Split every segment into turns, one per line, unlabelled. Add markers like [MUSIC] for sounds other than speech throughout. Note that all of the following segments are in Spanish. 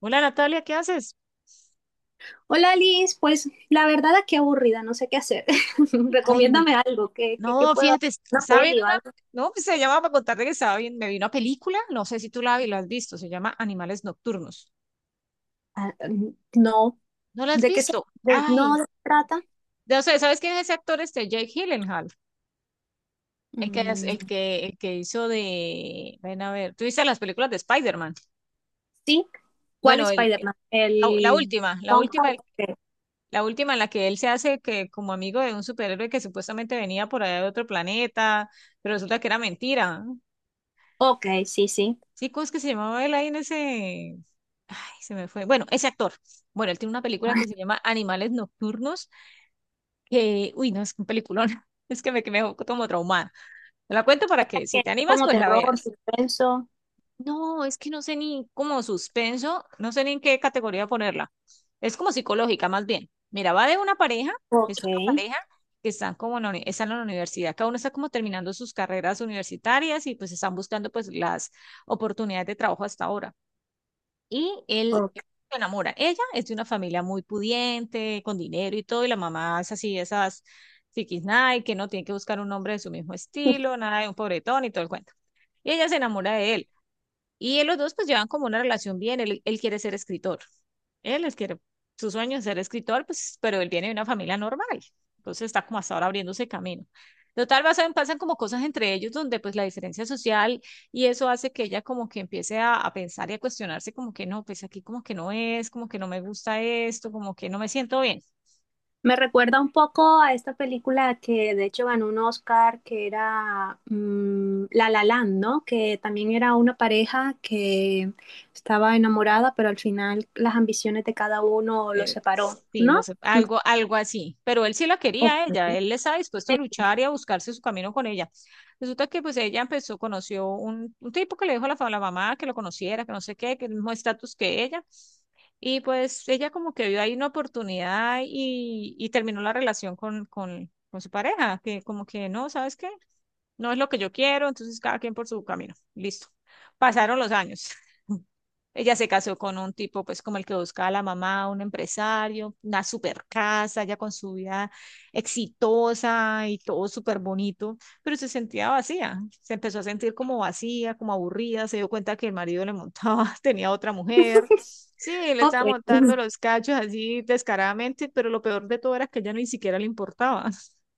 Hola Natalia, ¿qué haces?
Hola Liz, pues la verdad aquí aburrida, no sé qué hacer. [LAUGHS]
Ay,
Recomiéndame algo, ¿qué
no,
puedo hacer?
fíjate,
¿Una
estaba
peli
viendo
o
una,
algo?
no, pues se llamaba para contarte que estaba bien, me vi una película, no sé si tú la has visto, se llama Animales Nocturnos.
Ah, mm, no,
¿No la has
¿de qué se,
visto?
de- no
Ay,
de qué trata?
no sé, ¿sabes quién es ese actor este Jake Gyllenhaal? El el
Mm,
el que hizo de, ven a ver, ¿tú viste las películas de Spider-Man?
sí, ¿cuál
Bueno,
Spider-Man?
la
El
última, la
Tom
última,
Holland. Ok,
la última en la que él se hace que como amigo de un superhéroe que supuestamente venía por allá de otro planeta, pero resulta que era mentira.
ok, sí, sí.
Sí, ¿cómo es que se llamaba él ahí en ese? Ay, se me fue. Bueno, ese actor. Bueno, él tiene una película que se llama Animales Nocturnos, que, uy, no, es un peliculón. [LAUGHS] Es que me quedé como traumada. Te la cuento para que si
¿Que
te
es
animas,
como
pues la
terror,
veas.
suspenso?
No, es que no sé ni como suspenso, no sé ni en qué categoría ponerla. Es como psicológica, más bien. Mira, va de una pareja, es
Ok,
una pareja que están como en están en la universidad, cada uno está como terminando sus carreras universitarias y pues están buscando pues las oportunidades de trabajo hasta ahora. Y él
ok.
se enamora. Ella es de una familia muy pudiente, con dinero y todo, y la mamá es así, esas night que no tiene que buscar un hombre de su mismo estilo,
[LAUGHS]
nada de un pobretón y todo el cuento. Y ella se enamora de él. Y él, los dos pues llevan como una relación bien, él quiere ser escritor. Él es que su sueño es ser escritor, pues, pero él viene de una familia normal. Entonces está como hasta ahora abriéndose camino. Total, pasan como cosas entre ellos donde pues la diferencia social y eso hace que ella como que empiece a pensar y a cuestionarse como que no, pues aquí como que no es, como que no me gusta esto, como que no me siento bien.
Me recuerda un poco a esta película que de hecho ganó un Oscar, que era La La Land, ¿no? Que también era una pareja que estaba enamorada, pero al final las ambiciones de cada uno los separó,
Sí, lo
¿no?
sé, algo así. Pero él sí la quería a
Ok.
ella, él estaba dispuesto a
Sí,
luchar y a buscarse su camino con ella. Resulta que pues ella empezó, conoció un tipo que le dijo a a la mamá que lo conociera, que no sé qué, que el mismo estatus que ella. Y pues ella como que vio ahí una oportunidad y terminó la relación con su pareja, que como que no, ¿sabes qué? No es lo que yo quiero, entonces cada quien por su camino. Listo. Pasaron los años. [LAUGHS] Ella se casó con un tipo, pues como el que buscaba la mamá, un empresario, una super casa, ya con su vida exitosa y todo súper bonito, pero se sentía vacía, se empezó a sentir como vacía, como aburrida, se dio cuenta que el marido le montaba, [LAUGHS] tenía otra mujer, sí, le
ok.
estaba montando
[LAUGHS]
los cachos así descaradamente, pero lo peor de todo era que a ella ni siquiera le importaba. [LAUGHS]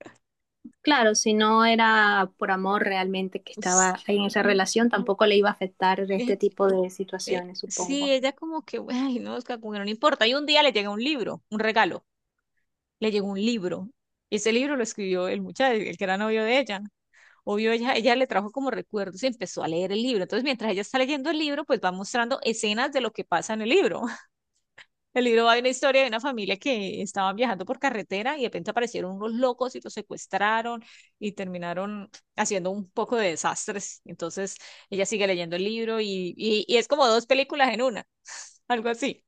Claro, si no era por amor realmente que
Pues,
estaba ahí en esa
y-
relación, tampoco le iba a afectar este
y-
tipo de situaciones,
Sí,
supongo.
ella como que, ay, no, Oscar, como que no le importa. Y un día le llega un libro, un regalo le llegó un libro. Y ese libro lo escribió el muchacho, el que era novio de ella. Obvio, ella le trajo como recuerdos y empezó a leer el libro. Entonces, mientras ella está leyendo el libro, pues va mostrando escenas de lo que pasa en el libro. [LAUGHS] El libro va de una historia de una familia que estaban viajando por carretera y de repente aparecieron unos locos y los secuestraron y terminaron haciendo un poco de desastres. Entonces, ella sigue leyendo el libro y es como dos películas en una, algo así.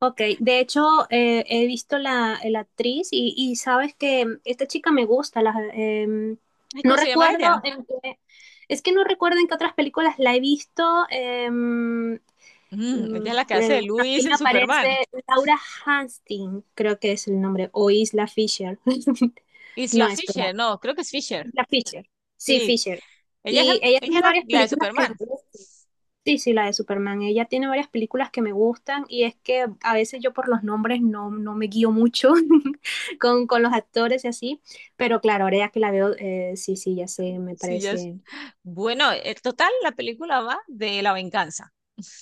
Ok, de hecho he visto la, la actriz y sabes que esta chica me gusta.
Ay,
No
¿cómo se llama
recuerdo
ella?
en qué, es que no recuerdo en qué otras películas la he visto. em, mm,
Mm, ella es la que hace de
bueno,
Luis
aquí me
en
aparece
Superman.
Laura Hastings, creo que es el nombre, o Isla Fisher. [LAUGHS] No,
Isla
espera,
Fisher, no, creo que es Fisher.
Isla Fisher. Sí,
Sí,
Fisher.
ella es
Y ella
ella es
tiene varias
la de
películas que me
Superman.
gustan. Sí, sí, la de Superman. Ella tiene varias películas que me gustan y es que a veces yo por los nombres no, no me guío mucho [LAUGHS] con los actores y así, pero claro, ahora ya que la veo, sí, sí, ya sé, me
Sí, ya es.
parece.
Bueno, en total, la película va de la venganza.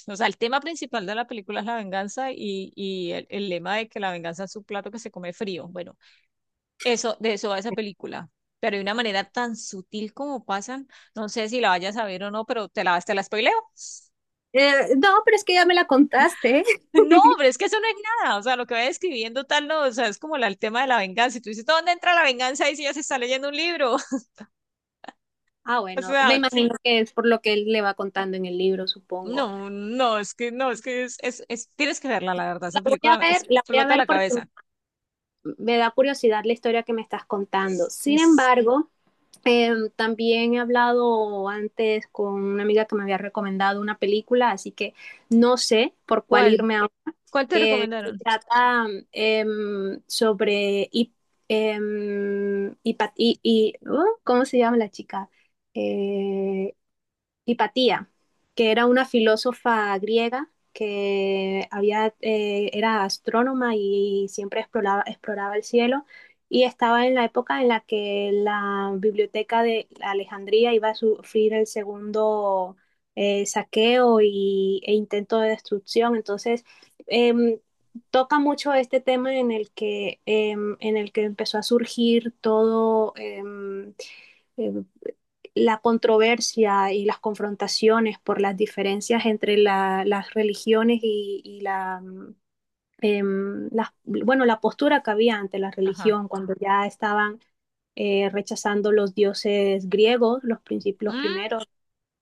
O sea, el tema principal de la película es la venganza y el lema de que la venganza es un plato que se come frío. Bueno, eso, de eso va esa película. Pero de una manera tan sutil como pasan, no sé si la vayas a ver o no, pero te te la spoileo. [LAUGHS]
No, pero es que ya me la contaste. [LAUGHS]
No, hombre, es que eso no es nada. O sea, lo que va describiendo tal, no, o sea, es como el tema de la venganza. Y tú dices, ¿dónde entra la venganza? Y si ya se está leyendo un libro.
Ah,
O
bueno, me
sea,
imagino
sí,
que es por lo que él le va contando en el libro, supongo.
no, no, es que no, es que tienes que verla, la verdad,
La
esa
voy a
película me
ver, la voy a
explota
ver
la
porque
cabeza.
me da curiosidad la historia que me estás contando.
Sí,
Sin embargo, también he hablado antes con una amiga que me había recomendado una película, así que no sé por cuál
¿cuál?
irme,
¿Cuál te
aunque se
recomendaron?
trata sobre... em, hipa- y, y- uh, ¿cómo se llama la chica? Eh, Hipatía, que era una filósofa griega que había, era astrónoma y siempre exploraba, exploraba el cielo y estaba en la época en la que la biblioteca de Alejandría iba a sufrir el segundo saqueo y, e intento de destrucción. Entonces, em, toca mucho este tema en el que, en el que empezó a surgir todo. eh, la controversia y las confrontaciones por las diferencias entre la, las religiones y la, eh, la, bueno, la postura que había ante la
Ajá.
religión cuando ya estaban rechazando los dioses griegos, los
Mm.
primeros,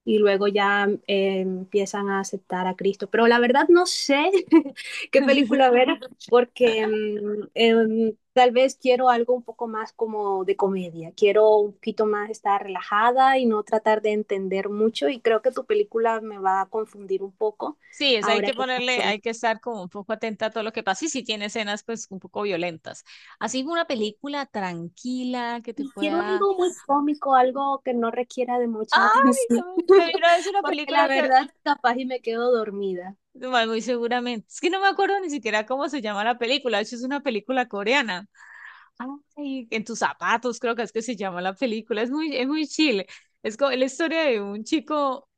y luego ya empiezan a aceptar a Cristo. Pero la verdad no sé [LAUGHS] qué
[LAUGHS]
película ver porque tal vez quiero algo un poco más como de comedia. Quiero un poquito más estar relajada y no tratar de entender mucho y creo que tu película me va a confundir un poco.
Sí, es, hay
Ahora
que
que
ponerle, hay que estar como un poco atenta a todo lo que pasa y si tiene escenas pues un poco violentas. Así una película tranquila que te
y quiero
pueda...
algo muy cómico, algo que no requiera de mucha
Ay,
atención,
me vi
[LAUGHS]
una vez una
porque la
película que,
verdad capaz y me quedo dormida.
bueno, muy seguramente, es que no me acuerdo ni siquiera cómo se llama la película, de hecho es una película coreana. Ay, en tus zapatos, creo que es que se llama la película. Es muy chile. Es como la historia de un chico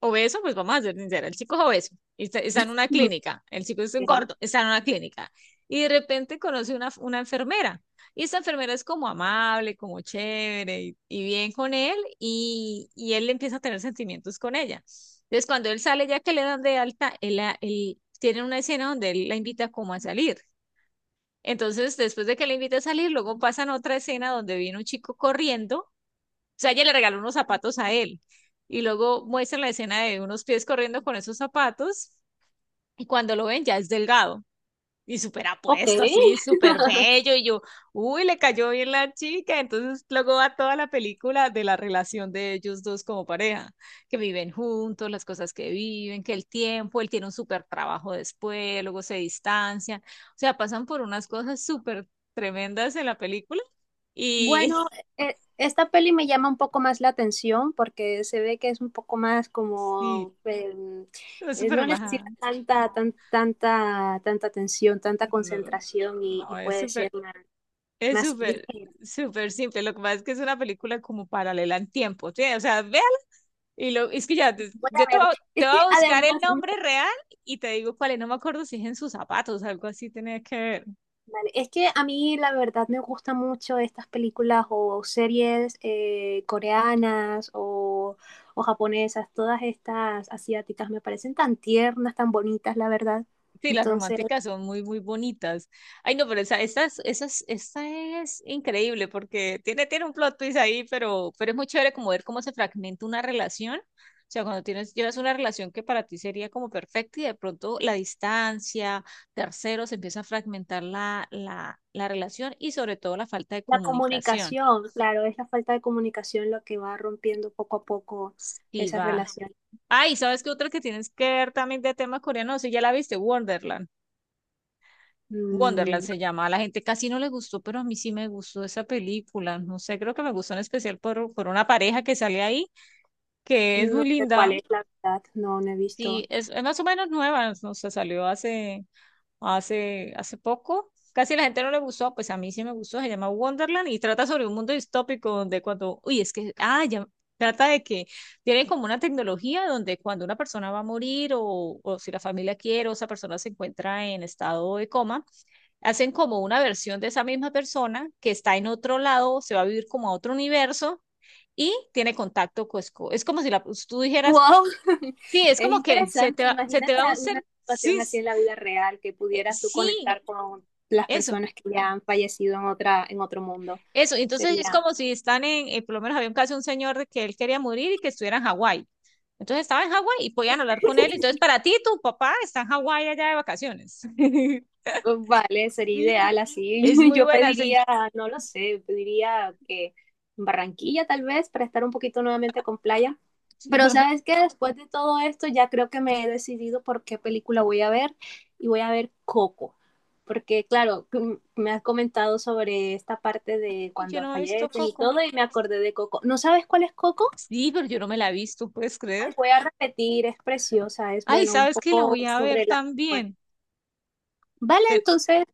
obeso, pues vamos a ser sinceros, el chico es obeso está en una
[LAUGHS]
clínica. El chico es un
Ok.
gordo, está en una clínica. Y de repente conoce una enfermera. Y esta enfermera es como amable, como chévere y bien con él. Y él empieza a tener sentimientos con ella. Entonces, cuando él sale, ya que le dan de alta, él tiene una escena donde él la invita como a salir entonces, después de que le invita a salir, luego pasan otra escena donde viene un chico corriendo, o sea, ella le regaló unos zapatos a él, y luego muestran la escena de unos pies corriendo con esos zapatos, y cuando lo ven ya es delgado y súper
Ok.
apuesto, así, súper
[LAUGHS]
bello, y yo, uy, le cayó bien la chica, entonces luego va toda la película de la relación de ellos dos como pareja, que viven juntos, las cosas que viven, que el tiempo, él tiene un súper trabajo después, luego se distancian, o sea, pasan por unas cosas súper tremendas en la película, y
Bueno, esta peli me llama un poco más la atención porque se ve que es un poco más
[LAUGHS] sí,
como
es súper
no
relajada,
necesita tanta, tanta atención, tanta
no,
concentración y
no, es
puede ser
súper...
más,
Es
más
súper,
ligera.
súper simple. Lo que pasa es que es una película como paralela en tiempo. ¿Sí? O sea, ve y lo, es que ya,
Voy a
yo
verla.
te
Es
voy
que
a buscar el
además,
nombre real y te digo cuál es, no me acuerdo si es en sus zapatos, algo así tenía que ver.
vale, es que a mí la verdad me gustan mucho estas películas o series coreanas o japonesas, todas estas asiáticas me parecen tan tiernas, tan bonitas, la verdad.
Sí, las
Entonces.
románticas son muy, muy bonitas. Ay, no, pero esta es increíble porque tiene, tiene un plot twist ahí, pero es muy chévere como ver cómo se fragmenta una relación. O sea, cuando tienes, llevas una relación que para ti sería como perfecta y de pronto la distancia, terceros, empieza a fragmentar la relación y sobre todo la falta de
La
comunicación.
comunicación, claro, es la falta de comunicación lo que va rompiendo poco a poco
Sí,
esa
va.
relación.
Ay, ¿sabes qué otra que tienes que ver también de tema coreano? No sé, ya la viste, Wonderland. Wonderland
Mm,
se llama. A la gente casi no le gustó, pero a mí sí me gustó esa película. No sé, creo que me gustó en especial por una pareja que sale ahí, que es muy
no sé cuál
linda.
es la verdad, no, no he
Sí,
visto.
es más o menos nueva, no sé, salió hace, hace poco. Casi la gente no le gustó, pues a mí sí me gustó. Se llama Wonderland y trata sobre un mundo distópico donde cuando, uy, es que, ah, ya, trata de que tienen como una tecnología donde cuando una persona va a morir o si la familia quiere o esa persona se encuentra en estado de coma, hacen como una versión de esa misma persona que está en otro lado, se va a vivir como a otro universo y tiene contacto con... Es como si la, pues, tú dijeras,
Wow, [LAUGHS]
sí, es
es
como que
interesante.
se te
Imagínate
va un
una
ser, sí,
situación así en la vida real que pudieras tú
sí,
conectar con las
eso.
personas que ya han fallecido en otra, en otro mundo.
Eso, entonces es
Sería
como si están en, por lo menos había un caso de un señor de que él quería morir y que estuviera en Hawái. Entonces estaba en Hawái y podían hablar con él. Entonces, para ti, tu papá está en Hawái allá de vacaciones. [LAUGHS]
pues, vale, sería
Sí,
ideal así.
es
[LAUGHS]
muy
Yo
buena, sí.
pediría, no lo sé, pediría que Barranquilla tal vez para estar un poquito nuevamente con playa. Pero sabes
[LAUGHS]
que después de todo esto ya creo que me he decidido por qué película voy a ver y voy a ver Coco. Porque claro, que me has comentado sobre esta parte de
Y yo
cuando
no he visto
fallecen y
Coco.
todo y me acordé de Coco. ¿No sabes cuál es Coco?
Sí, pero yo no me la he visto, ¿puedes
Ay,
creer?
voy a repetir, es preciosa, es
Ay,
bueno, un
¿sabes qué? La
poco
voy a ver
sobre la muerte.
también.
Vale,
Te-
entonces,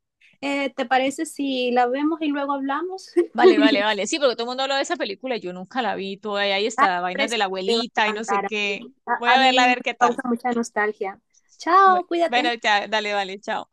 ¿te parece si la vemos y luego hablamos?
Vale, vale,
[LAUGHS]
vale. Sí, porque todo el mundo habla de esa película y yo nunca la vi. Toda ahí
Ay,
está, vainas de
precioso,
la
te va a
abuelita y no sé
encantar a
qué.
mí.
Voy
A
a verla a
mí me
ver qué tal.
causa mucha nostalgia.
Bu-
Chao,
Bueno,
cuídate.
ya, dale, vale, chao.